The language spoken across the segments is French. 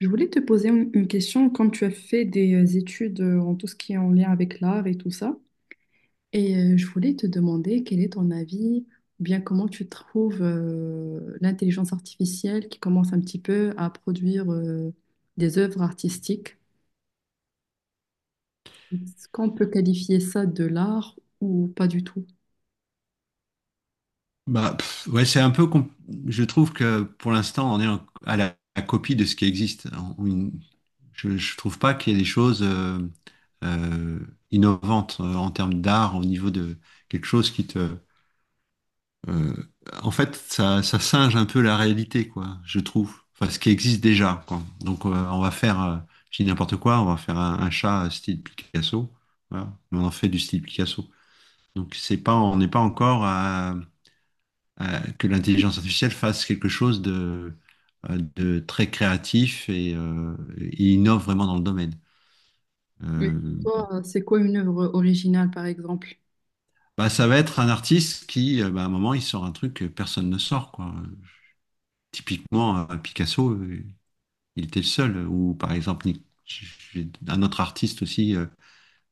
Je voulais te poser une question quand tu as fait des études en tout ce qui est en lien avec l'art et tout ça. Et je voulais te demander quel est ton avis, ou bien comment tu trouves l'intelligence artificielle qui commence un petit peu à produire des œuvres artistiques. Est-ce qu'on peut qualifier ça de l'art ou pas du tout? Bah, pff, ouais, c'est un peu. Je trouve que pour l'instant, on est à la copie de ce qui existe. Je trouve pas qu'il y ait des choses euh, innovantes en termes d'art, au niveau de quelque chose qui te. euh, En fait, ça singe un peu la réalité, quoi. Je trouve. Enfin, ce qui existe déjà, quoi. Donc, on va faire. Je dis n'importe quoi. On va faire un chat style Picasso. Voilà. Mais on en fait du style Picasso. Donc, c'est pas. On n'est pas encore à que l'intelligence artificielle fasse quelque chose de très créatif et innove vraiment dans le domaine. Mais Euh, toi, c'est quoi une œuvre originale, par exemple? Bah, ça va être un artiste qui, bah, à un moment, il sort un truc que personne ne sort, quoi. Typiquement, Picasso, il était le seul. Ou par exemple, un autre artiste aussi,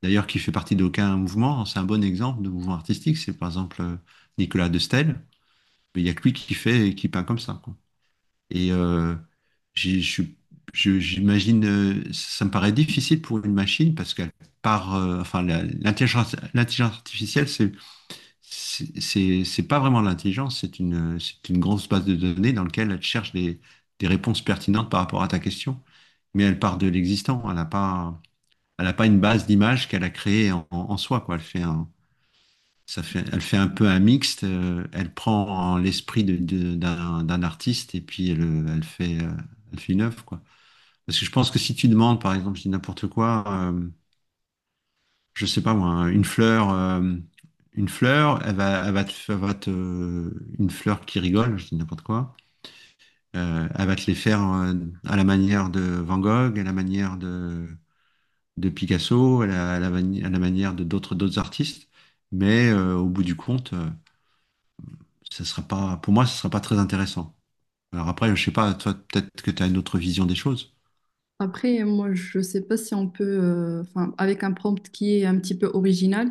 d'ailleurs, qui fait partie d'aucun mouvement. C'est un bon exemple de mouvement artistique. C'est par exemple Nicolas de Staël. Il n'y a que lui qui fait et qui peint comme ça, quoi. Et j'ai- je suis- j'imagine, ça me paraît difficile pour une machine parce qu'elle part, enfin, l'intelligence artificielle, c'est pas vraiment de l'intelligence, c'est une grosse base de données dans laquelle elle cherche des réponses pertinentes par rapport à ta question. Mais elle part de l'existant, elle n'a pas une base d'image qu'elle a créée en, en soi, quoi. Elle fait un peu un mixte. Elle prend l'esprit d'un artiste et puis elle fait, elle fait une œuvre, quoi. Parce que je pense que si tu demandes, par exemple, je dis n'importe quoi, je sais pas moi, hein, une fleur, une fleur qui rigole, je dis n'importe quoi. Elle va te les faire à la manière de Van Gogh, à la manière de Picasso, à la à la manière de d'autres artistes. Mais au bout du compte. Ça sera pas, pour moi, ce sera pas très intéressant. Alors après, je sais pas, toi, peut-être que tu as une autre vision des choses. Après, moi, je ne sais pas si on peut, enfin, avec un prompt qui est un petit peu original.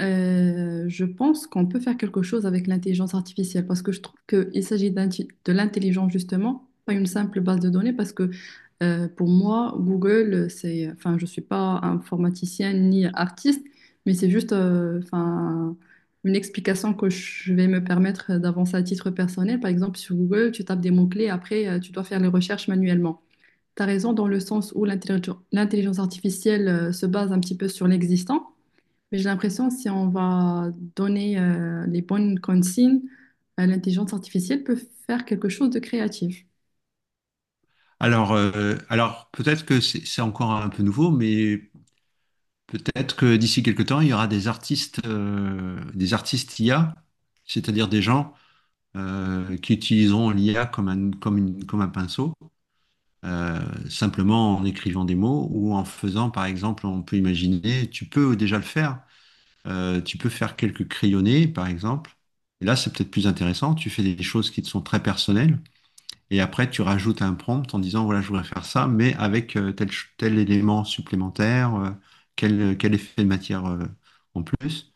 Je pense qu'on peut faire quelque chose avec l'intelligence artificielle parce que je trouve qu'il s'agit de l'intelligence justement, pas une simple base de données parce que pour moi, Google, c'est, enfin, je ne suis pas informaticienne ni artiste, mais c'est juste enfin, une explication que je vais me permettre d'avancer à titre personnel. Par exemple, sur Google, tu tapes des mots-clés, après, tu dois faire les recherches manuellement. Tu as raison dans le sens où l'intelligence artificielle se base un petit peu sur l'existant. Mais j'ai l'impression, si on va donner les bonnes consignes, l'intelligence artificielle peut faire quelque chose de créatif. Alors peut-être que c'est encore un peu nouveau, mais peut-être que d'ici quelques temps, il y aura des artistes IA, c'est-à-dire des gens qui utiliseront l'IA comme un pinceau, euh, simplement en écrivant des mots ou en faisant, par exemple, on peut imaginer, tu peux déjà le faire. Tu peux faire quelques crayonnés, par exemple. Et là, c'est peut-être plus intéressant. Tu fais des choses qui te sont très personnelles. Et après, tu rajoutes un prompt en disant, voilà, je voudrais faire ça, mais avec tel, tel élément supplémentaire, quel, quel effet de matière en plus.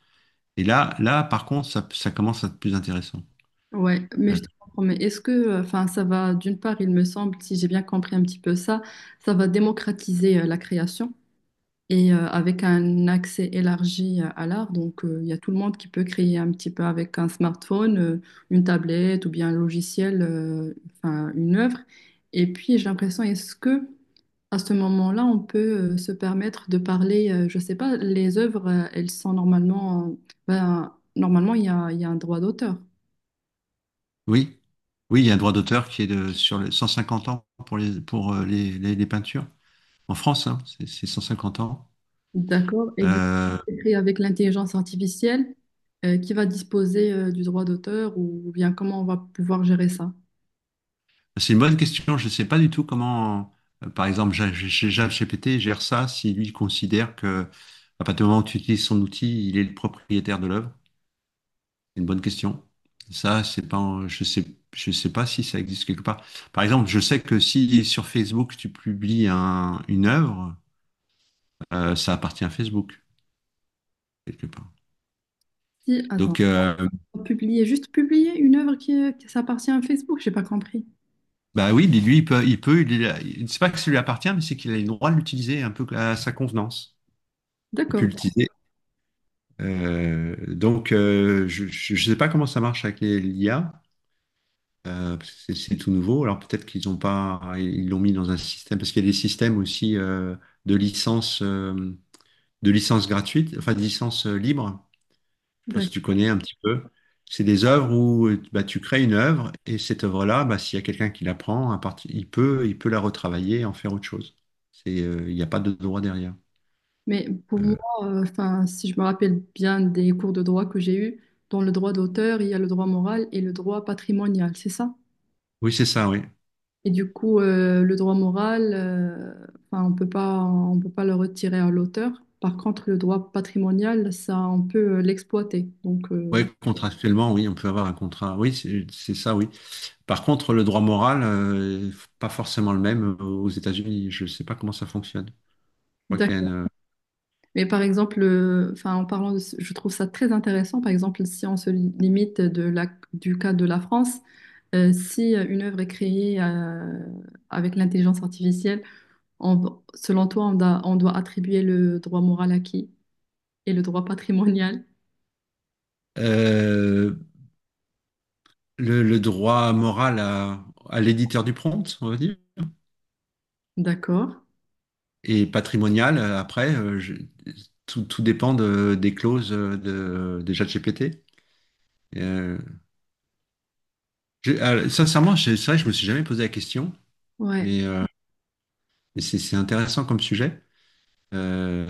Et par contre, ça commence à être plus intéressant. Ouais, mais Euh, je te comprends. Mais est-ce que, enfin, ça va, d'une part, il me semble, si j'ai bien compris un petit peu ça, ça va démocratiser la création et avec un accès élargi à l'art. Donc, il y a tout le monde qui peut créer un petit peu avec un smartphone, une tablette ou bien un logiciel, enfin, une œuvre. Et puis, j'ai l'impression, est-ce que à ce moment-là, on peut se permettre de parler, je sais pas, les œuvres, elles sont normalement, ben, normalement, il y a un droit d'auteur. oui, oui, il y a un droit d'auteur qui est de, sur les 150 ans pour les, les peintures. En France, hein, c'est 150 ans. D'accord? Et du coup, Euh, c'est écrit avec l'intelligence artificielle, qui va disposer, du droit d'auteur ou bien comment on va pouvoir gérer ça? C'est une bonne question. Je ne sais pas du tout comment, par exemple, ChatGPT gère ça si lui considère que à partir du moment où tu utilises son outil, il est le propriétaire de l'œuvre. C'est une bonne question. Ça, c'est pas, je sais pas si ça existe quelque part. Par exemple, je sais que si sur Facebook tu publies une œuvre, ça appartient à Facebook quelque part. Si, attends, Donc, publier, juste publier une œuvre qui s'appartient à Facebook, j'ai pas compris. bah oui, lui, il peut, il peut, il- c'est pas que ça lui appartient, mais c'est qu'il a le droit de l'utiliser un peu à sa convenance. Il peut D'accord, l'utiliser. Donc, je ne sais pas comment ça marche avec l'IA, parce que c'est tout nouveau. Alors peut-être qu'ils ont pas, ils l'ont mis dans un système, parce qu'il y a des systèmes aussi de licence, euh, de licence gratuite, enfin de licence libre. Je sais pas si d'accord. tu connais un petit peu. C'est des œuvres où bah, tu crées une œuvre et cette œuvre-là, bah, s'il y a quelqu'un qui la prend, à partir, il peut la retravailler et en faire autre chose. C'est, il n'y a pas de droit derrière. Mais pour moi, Euh, enfin, si je me rappelle bien des cours de droit que j'ai eus, dans le droit d'auteur, il y a le droit moral et le droit patrimonial, c'est ça? oui, c'est ça, oui. Et du coup, le droit moral, 'fin, on peut pas le retirer à l'auteur. Par contre, le droit patrimonial, ça, on peut l'exploiter. Donc, Oui, contractuellement, oui, on peut avoir un contrat. Oui, c'est ça, oui. Par contre, le droit moral, pas forcément le même aux États-Unis. Je ne sais pas comment ça fonctionne. Je crois qu'il y a d'accord. une- Mais par exemple, enfin, en parlant de, je trouve ça très intéressant. Par exemple, si on se limite de la, du cas de la France, si une œuvre est créée avec l'intelligence artificielle, selon toi, on doit attribuer le droit moral à qui? Et le droit patrimonial? Euh, le droit moral à l'éditeur du prompt, on va dire, D'accord. et patrimonial, après, tout dépend des clauses de ChatGPT. Euh, Sincèrement, c'est vrai que je me suis jamais posé la question, Ouais. mais, euh, mais c'est intéressant comme sujet. Euh,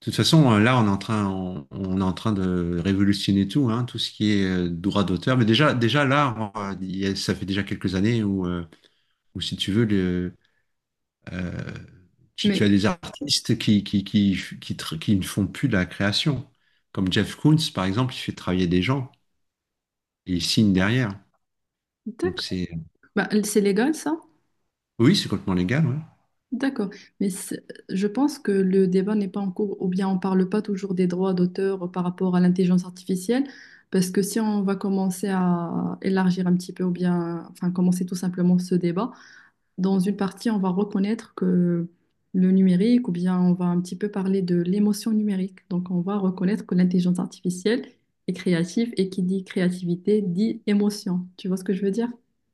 De toute façon, là, on est en train de révolutionner tout, hein, tout ce qui est droit d'auteur. Mais déjà là, il y a- ça fait déjà quelques années où, où si tu veux, le, euh, tu, Mais tu as des artistes qui ne font plus de la création. Comme Jeff Koons, par exemple, il fait travailler des gens et il signe derrière. Donc d'accord. c'est, Bah, c'est légal, ça? oui, c'est complètement légal, ouais. D'accord. Mais c'est- je pense que le débat n'est pas en cours, ou bien on ne parle pas toujours des droits d'auteur par rapport à l'intelligence artificielle, parce que si on va commencer à élargir un petit peu, ou bien, enfin, commencer tout simplement ce débat, dans une partie, on va reconnaître que le numérique, ou bien on va un petit peu parler de l'émotion numérique. Donc, on va reconnaître que l'intelligence artificielle est créative et qui dit créativité dit émotion. Tu vois ce que je veux dire?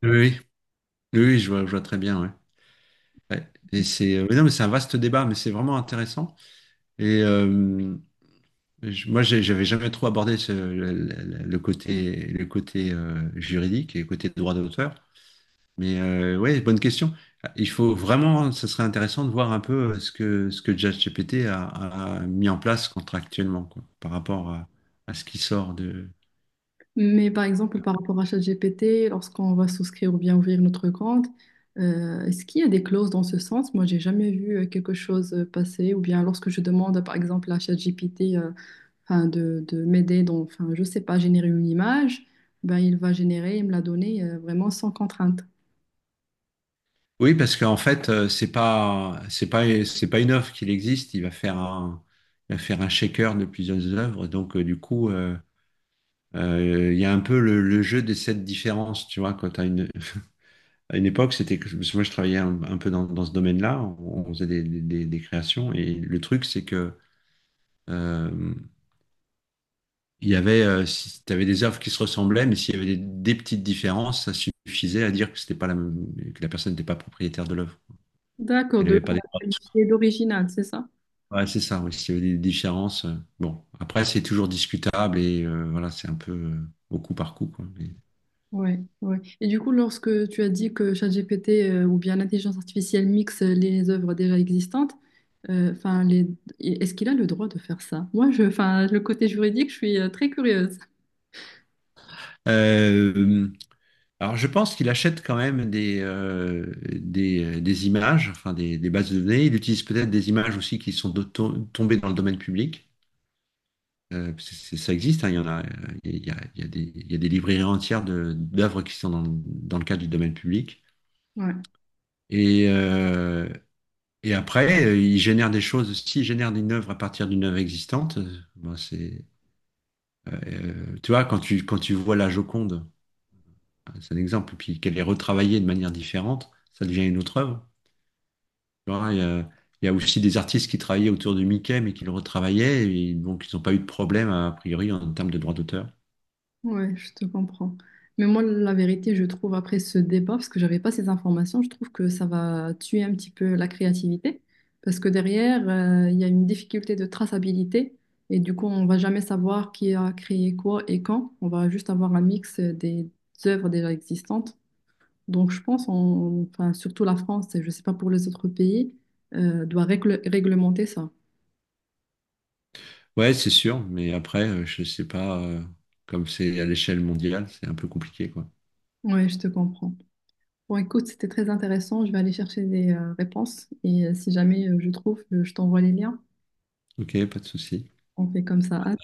Oui, oui. Oui, oui, je vois très bien, ouais. Ouais. Et c'est, mais non, mais c'est un vaste débat, mais c'est vraiment intéressant. Et, moi, j'avais jamais trop abordé le, le côté juridique et le côté droit d'auteur. Mais ouais, bonne question. Il faut vraiment, ce serait intéressant de voir un peu ce que ChatGPT a, a mis en place contractuellement, quoi, par rapport à ce qui sort de. Mais par exemple, par rapport à ChatGPT, lorsqu'on va souscrire ou bien ouvrir notre compte, est-ce qu'il y a des clauses dans ce sens? Moi, j'ai jamais vu quelque chose passer. Ou bien lorsque je demande, par exemple, à ChatGPT enfin, de m'aider dans, enfin, je sais pas, générer une image, ben, il va générer et me la donner vraiment sans contrainte. Oui, parce qu'en fait, c'est pas une œuvre qu'il existe. Il va faire un shaker de plusieurs œuvres. Donc du coup, il y a un peu le jeu des sept différences, tu vois, quand t'as une. À une époque, c'était que parce que moi je travaillais un peu dans, dans ce domaine-là, on faisait des, des créations et le truc c'est que euh, il y avait si tu avais des œuvres qui se ressemblaient, mais s'il y avait des petites différences, ça suffisait à dire que c'était pas la même- que la personne n'était pas propriétaire de l'œuvre, D'accord, qu'elle de n'avait pas la des droits dessus. qualifier d'original, c'est ça? Ouais, c'est ça, oui, s'il y avait des différences. Bon, après c'est toujours discutable et voilà, c'est un peu au coup par coup, quoi. Mais- Ouais, ouais. Et du coup, lorsque tu as dit que ChatGPT ou bien l'intelligence artificielle mixe les œuvres déjà existantes, enfin, les... est-ce qu'il a le droit de faire ça? Moi, je, enfin, le côté juridique, je suis très curieuse. Euh, Alors, je pense qu'il achète quand même des images, enfin des bases de données. Il utilise peut-être des images aussi qui sont tombées dans le domaine public. Parce que c'est- ça existe, hein, il y en a, il y a des, il y a des librairies entières d'œuvres qui sont dans, dans le cadre du domaine public. Ouais. Et, euh, et après, il génère des choses. S'il génère une œuvre à partir d'une œuvre existante, bon, c'est, tu vois, quand tu vois la Joconde, hein, c'est un exemple, puis qu'elle est retravaillée de manière différente, ça devient une autre œuvre. Tu vois, il y a aussi des artistes qui travaillaient autour de Mickey, mais qui le retravaillaient, et donc ils n'ont pas eu de problème, a priori, en termes de droits d'auteur. Ouais, je te comprends. Mais moi, la vérité, je trouve, après ce débat, parce que j'avais pas ces informations, je trouve que ça va tuer un petit peu la créativité, parce que derrière, il y a une difficulté de traçabilité, et du coup, on va jamais savoir qui a créé quoi et quand. On va juste avoir un mix des œuvres déjà existantes. Donc, je pense, on- enfin, surtout la France, et je sais pas pour les autres pays, doit réglementer ça. Ouais, c'est sûr, mais après, je sais pas, comme c'est à l'échelle mondiale, c'est un peu compliqué, quoi. Ouais, je te comprends. Bon, écoute, c'était très intéressant. Je vais aller chercher des réponses et si jamais je trouve, je t'envoie les liens. Ok, pas de souci. On fait comme ça. À